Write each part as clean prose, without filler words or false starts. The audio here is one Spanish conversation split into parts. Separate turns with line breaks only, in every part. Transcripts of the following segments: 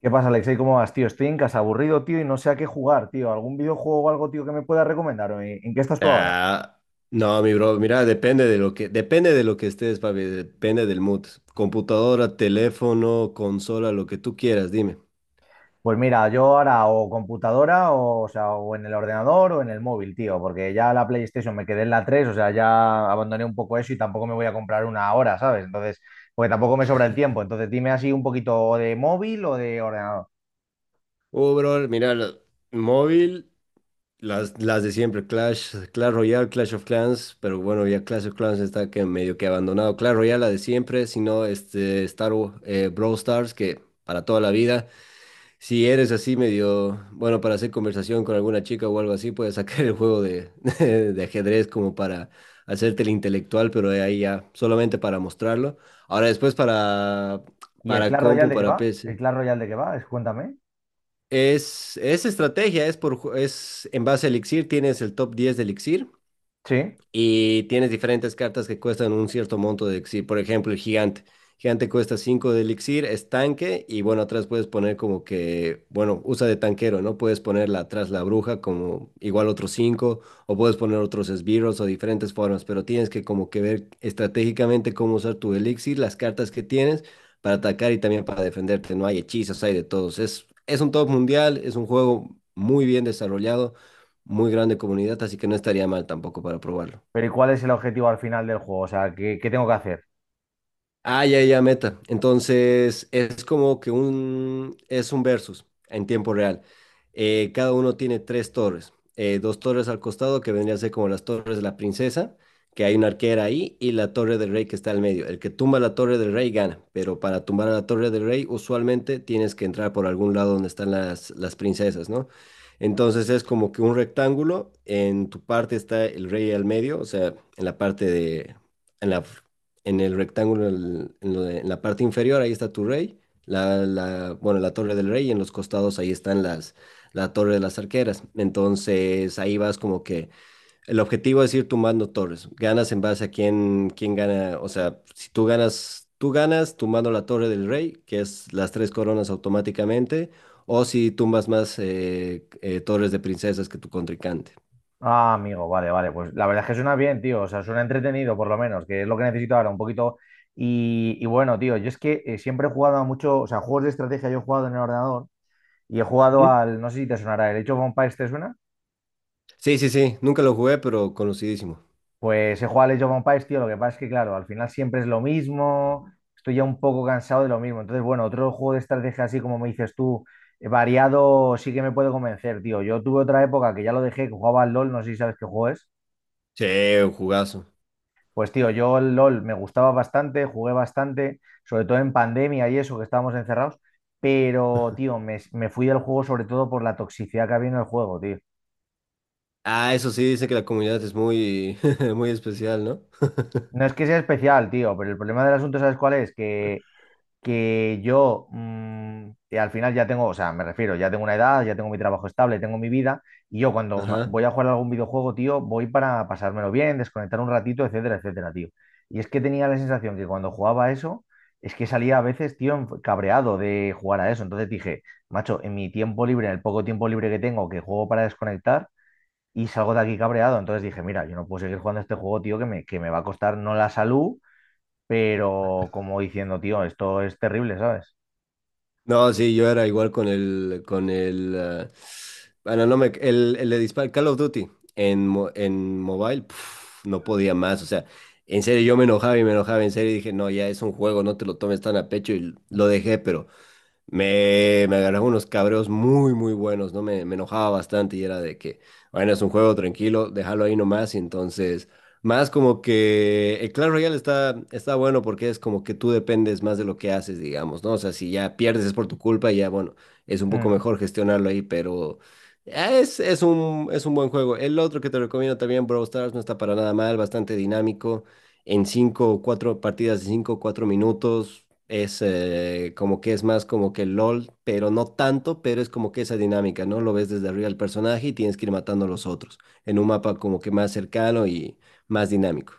¿Qué pasa, Alexei? ¿Cómo vas, tío? Estoy en casa aburrido, tío, y no sé a qué jugar, tío. ¿Algún videojuego o algo, tío, que me puedas recomendar? ¿O ¿En qué estás tú ahora?
Ah, no, mi bro, mira, depende de lo que estés, papi, depende del mood. Computadora, teléfono, consola, lo que tú quieras, dime.
Pues mira, yo ahora o computadora, o sea, o en el ordenador o en el móvil, tío, porque ya la PlayStation me quedé en la 3, o sea, ya abandoné un poco eso y tampoco me voy a comprar una ahora, ¿sabes? Entonces, porque tampoco me sobra el tiempo. Entonces, dime así un poquito de móvil o de ordenador.
Bro, mira, móvil, las de siempre, Clash, Clash Royale, Clash of Clans, pero bueno, ya Clash of Clans está que medio que abandonado. Clash Royale, la de siempre, sino este Brawl Stars, que para toda la vida. Si eres así medio, bueno, para hacer conversación con alguna chica o algo así, puedes sacar el juego de, de ajedrez como para hacerte el intelectual, pero de ahí ya, solamente para mostrarlo. Ahora después para,
¿Y el
para
Clash Royale
compu,
de qué
para
va? ¿El
PC.
Clash Royale de qué va? Es- Cuéntame.
Es estrategia, es en base a Elixir, tienes el top 10 de Elixir
Sí.
y tienes diferentes cartas que cuestan un cierto monto de elixir. Por ejemplo, el gigante. Gigante cuesta 5 de elixir, es tanque y bueno, atrás puedes poner como que, bueno, usa de tanquero, ¿no? Puedes ponerla atrás la bruja como igual otros 5 o puedes poner otros esbirros o diferentes formas, pero tienes que como que ver estratégicamente cómo usar tu elixir, las cartas que tienes para atacar y también para defenderte. No hay hechizos, hay de todos. Es un top mundial, es un juego muy bien desarrollado, muy grande comunidad, así que no estaría mal tampoco para probarlo.
Pero ¿y cuál es el objetivo al final del juego? O sea, ¿qué, qué tengo que hacer?
Ah, ya, ya, meta. Entonces, es como que es un versus en tiempo real. Cada uno tiene tres torres. Dos torres al costado, que vendrían a ser como las torres de la princesa, que hay una arquera ahí, y la torre del rey que está al medio. El que tumba la torre del rey gana, pero para tumbar a la torre del rey, usualmente tienes que entrar por algún lado donde están las princesas, ¿no? Entonces, es como que un rectángulo. En tu parte está el rey al medio, o sea, en la en el rectángulo, en la parte inferior, ahí está tu rey, la torre del rey, y en los costados ahí están la torre de las arqueras. Entonces ahí vas como que el objetivo es ir tumbando torres. Ganas en base a quién gana, o sea, si tú ganas, tú ganas tumbando la torre del rey, que es las tres coronas automáticamente, o si tumbas más torres de princesas que tu contrincante.
Ah, amigo, vale, vale. Pues la verdad es que suena bien, tío. O sea, suena entretenido, por lo menos, que es lo que necesito ahora, un poquito. Y bueno, tío, yo es que siempre he jugado a mucho, o sea, juegos de estrategia yo he jugado en el ordenador y he jugado
Ujú.
al, no sé si te sonará, el Age of Empires, ¿te suena?
Sí, sí, sí, nunca lo jugué, pero conocidísimo.
Pues he jugado al Age of Empires, tío. Lo que pasa es que, claro, al final siempre es lo mismo. Estoy ya un poco cansado de lo mismo. Entonces, bueno, otro juego de estrategia así como me dices tú, variado, sí que me puede convencer, tío. Yo tuve otra época que ya lo dejé, que jugaba al LOL, no sé si sabes qué juego es.
Sí, un jugazo.
Pues tío, yo el LOL me gustaba bastante, jugué bastante, sobre todo en pandemia y eso, que estábamos encerrados, pero tío, me fui del juego sobre todo por la toxicidad que había en el juego, tío.
Ah, eso sí, dice que la comunidad es muy, muy especial, ¿no?
No es que sea especial, tío, pero el problema del asunto, ¿sabes cuál es? Que yo que al final ya tengo, o sea, me refiero, ya tengo una edad, ya tengo mi trabajo estable, tengo mi vida, y yo cuando ma-
Ajá.
voy a jugar a algún videojuego, tío, voy para pasármelo bien, desconectar un ratito, etcétera, etcétera, tío. Y es que tenía la sensación que cuando jugaba a eso, es que salía a veces, tío, enf- cabreado de jugar a eso. Entonces dije, macho, en mi tiempo libre, en el poco tiempo libre que tengo, que juego para desconectar, y salgo de aquí cabreado. Entonces dije, mira, yo no puedo seguir jugando a este juego, tío, que me va a costar no la salud pero como diciendo, tío, esto es terrible, ¿sabes?
No, sí, yo era igual con el, ah, bueno, no me, el de dispar, Call of Duty en mobile, puf, no podía más, o sea, en serio, yo me enojaba y me enojaba, en serio, y dije, no, ya es un juego, no te lo tomes tan a pecho, y lo dejé, pero me agarraba unos cabreos muy, muy buenos, ¿no? Me enojaba bastante y era de que, bueno, es un juego tranquilo, déjalo ahí nomás. Y entonces, más como que el Clash Royale está bueno porque es como que tú dependes más de lo que haces, digamos, ¿no? O sea, si ya pierdes es por tu culpa y ya, bueno, es un poco
Mm.
mejor gestionarlo ahí, pero es un buen juego. El otro que te recomiendo también, Brawl Stars, no está para nada mal, bastante dinámico en cinco, cuatro partidas de cinco, cuatro minutos. Es como que es más como que LOL, pero no tanto, pero es como que esa dinámica, ¿no? Lo ves desde arriba el personaje y tienes que ir matando a los otros en un mapa como que más cercano y más dinámico.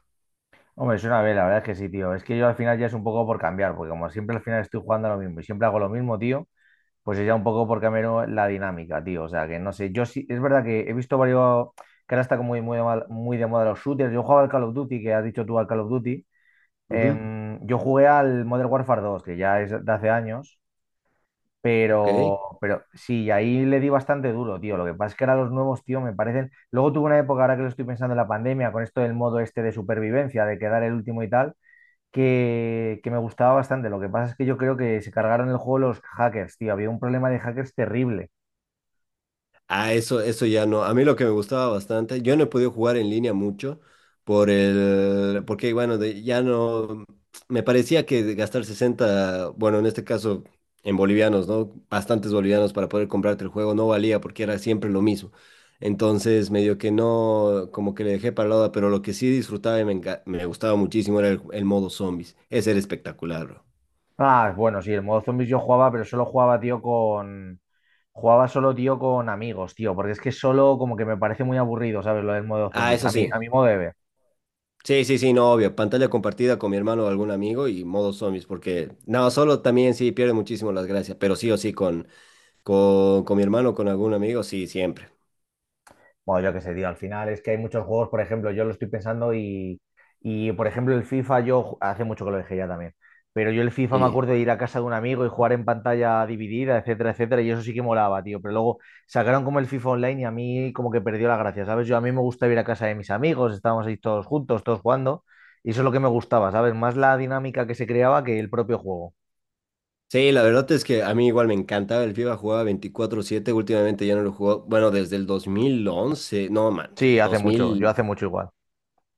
Hombre, es una vez, la verdad es que sí, tío. Es que yo al final ya es un poco por cambiar, porque como siempre al final estoy jugando a lo mismo y siempre hago lo mismo, tío, pues es ya un poco por cambiar la dinámica, tío. O sea, que no sé, yo sí, es verdad que he visto varios, que ahora está como de mal- muy de moda los shooters. Yo jugaba al Call of Duty, que has dicho tú al Call of Duty.
Ujú,
Yo jugué al Modern Warfare 2 que ya es de hace años.
ok.
Pero sí, ahí le di bastante duro, tío. Lo que pasa es que ahora los nuevos, tío, me parecen. Luego tuve una época, ahora que lo estoy pensando en la pandemia, con esto del modo este de supervivencia, de quedar el último y tal, que me gustaba bastante. Lo que pasa es que yo creo que se cargaron el juego los hackers, tío. Había un problema de hackers terrible.
Ah, eso ya no. A mí lo que me gustaba bastante, yo no he podido jugar en línea mucho porque bueno, ya no, me parecía que de gastar 60, bueno, en este caso en bolivianos, ¿no? Bastantes bolivianos para poder comprarte el juego no valía porque era siempre lo mismo. Entonces, medio que no, como que le dejé para la hora, pero lo que sí disfrutaba y me gustaba muchísimo era el modo zombies. Ese era espectacular, bro.
Ah, bueno, sí, el modo zombies yo jugaba, pero solo jugaba, tío, con. Jugaba solo, tío, con amigos, tío, porque es que solo como que me parece muy aburrido, ¿sabes? Lo del modo
Ah,
zombies,
eso
a mí,
sí.
a mi modo de ver.
Sí, sí, sí, no, obvio. Pantalla compartida con mi hermano o algún amigo y modo zombies, porque no, solo también sí pierde muchísimo las gracias, pero sí o sí con mi hermano o con algún amigo, sí, siempre.
Bueno, yo qué sé, tío, al final es que hay muchos juegos, por ejemplo, yo lo estoy pensando y por ejemplo, el FIFA, yo ju- hace mucho que lo dejé ya también, pero yo el FIFA me
Y
acuerdo de ir a casa de un amigo y jugar en pantalla dividida, etcétera, etcétera, y eso sí que molaba, tío, pero luego sacaron como el FIFA Online y a mí como que perdió la gracia, ¿sabes? Yo a mí me gusta ir a casa de mis amigos, estábamos ahí todos juntos, todos jugando, y eso es lo que me gustaba, ¿sabes? Más la dinámica que se creaba que el propio juego.
sí, la verdad es que a mí igual me encantaba el FIFA, jugaba 24/7 últimamente ya no lo juego, bueno, desde el 2011, no, man,
Sí, hace mucho, yo
2000,
hace mucho igual.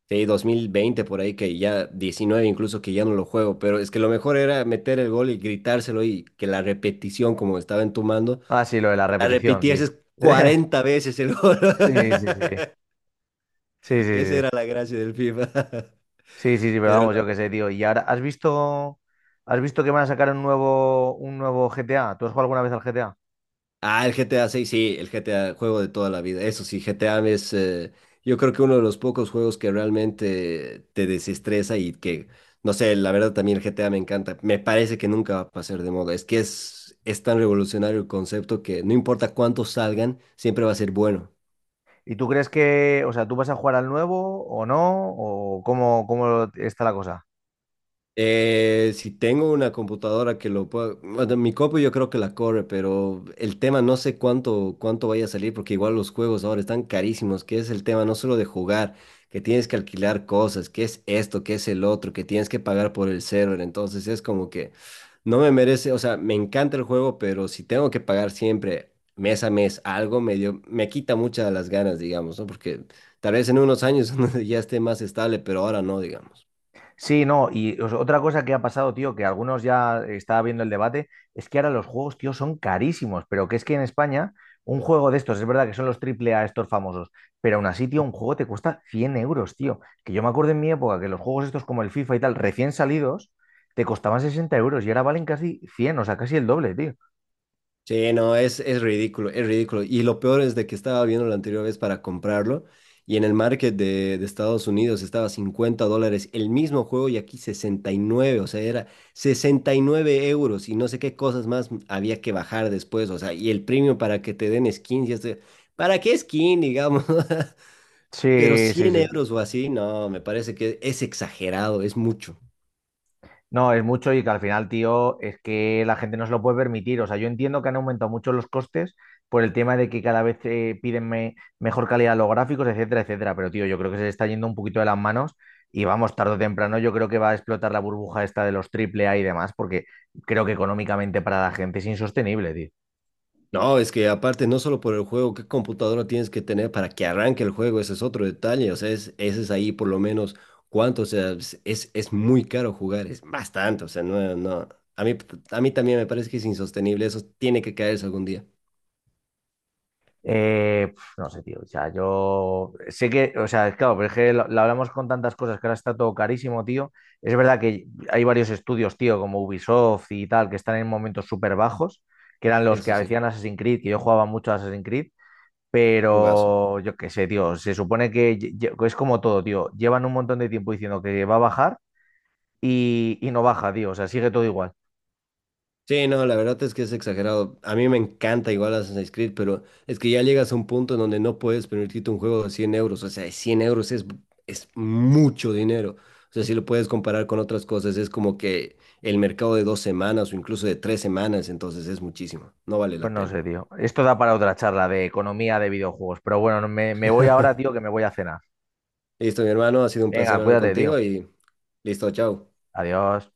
sí, 2020 por ahí, que ya 19 incluso que ya no lo juego, pero es que lo mejor era meter el gol y gritárselo y que la repetición como estaba entumando.
Ah, sí, lo de la
La
repetición, sí.
repitieses 40 veces el gol.
Sí, sí, sí. Sí, sí,
Esa
sí.
era la gracia del FIFA.
Sí, sí, sí, pero
Pero
vamos, yo
no.
qué sé, tío. Y ahora, ¿has visto que van a sacar un nuevo GTA? ¿Tú has jugado alguna vez al GTA?
Ah, el GTA 6 sí, el GTA, juego de toda la vida. Eso sí, GTA es, yo creo que uno de los pocos juegos que realmente te desestresa y que, no sé, la verdad también el GTA me encanta. Me parece que nunca va a pasar de moda. Es que es tan revolucionario el concepto que no importa cuántos salgan, siempre va a ser bueno.
¿Y tú crees que, o sea, tú vas a jugar al nuevo o no? ¿O cómo, cómo está la cosa?
Si tengo una computadora que lo pueda, bueno, mi compu yo creo que la corre, pero el tema no sé cuánto vaya a salir, porque igual los juegos ahora están carísimos, que es el tema no solo de jugar, que tienes que alquilar cosas, que es esto, que es el otro, que tienes que pagar por el server, entonces es como que no me merece, o sea, me encanta el juego, pero si tengo que pagar siempre mes a mes algo, medio, me quita muchas las ganas, digamos, ¿no? Porque tal vez en unos años ya esté más estable, pero ahora no, digamos.
Sí, no, y os- otra cosa que ha pasado, tío, que algunos ya estaba viendo el debate, es que ahora los juegos, tío, son carísimos, pero que es que en España un juego de estos, es verdad que son los triple A estos famosos, pero aún así, tío, un juego te cuesta 100 euros, tío. Que yo me acuerdo en mi época que los juegos estos como el FIFA y tal, recién salidos, te costaban 60 euros y ahora valen casi 100, o sea, casi el doble, tío.
Sí, no, es ridículo, es ridículo. Y lo peor es de que estaba viendo la anterior vez para comprarlo y en el market de Estados Unidos estaba 50 dólares el mismo juego y aquí 69, o sea, era 69 euros y no sé qué cosas más había que bajar después, o sea, y el premio para que te den skins, y este, ¿para qué skin, digamos? Pero
Sí, sí,
100
sí.
euros o así, no, me parece que es exagerado, es mucho.
No, es mucho y que al final, tío, es que la gente no se lo puede permitir. O sea, yo entiendo que han aumentado mucho los costes por el tema de que cada vez piden me- mejor calidad a los gráficos, etcétera, etcétera. Pero, tío, yo creo que se le está yendo un poquito de las manos y vamos, tarde o temprano, yo creo que va a explotar la burbuja esta de los triple A y demás, porque creo que económicamente para la gente es insostenible, tío.
No, es que aparte, no solo por el juego, qué computadora tienes que tener para que arranque el juego, ese es otro detalle, o sea, ese es ahí por lo menos cuánto, o sea, es muy caro jugar, es bastante, o sea, no, no, a mí, a mí también me parece que es insostenible, eso tiene que caerse algún día,
No sé, tío. O sea, yo sé que, o sea, claro, pero es que lo hablamos con tantas cosas que ahora está todo carísimo, tío. Es verdad que hay varios estudios, tío, como Ubisoft y tal, que están en momentos súper bajos, que eran los que
eso sí,
hacían Assassin's Creed, que yo jugaba mucho a Assassin's Creed,
jugazo.
pero yo qué sé, tío. Se supone que lle- lle- es como todo, tío. Llevan un montón de tiempo diciendo que va a bajar y no baja, tío. O sea, sigue todo igual.
Sí, no, la verdad es que es exagerado. A mí me encanta igual Assassin's Creed, pero es que ya llegas a un punto en donde no puedes permitirte un juego de 100 euros. O sea, 100 euros es mucho dinero. O sea, si lo puedes comparar con otras cosas, es como que el mercado de 2 semanas o incluso de 3 semanas, entonces es muchísimo. No vale
Pues
la
no
pena.
sé, tío. Esto da para otra charla de economía de videojuegos, pero bueno, no- me voy ahora, tío, que me voy a cenar.
Listo, mi hermano, ha sido un placer
Venga,
hablar
cuídate, tío.
contigo y listo, chao.
Adiós.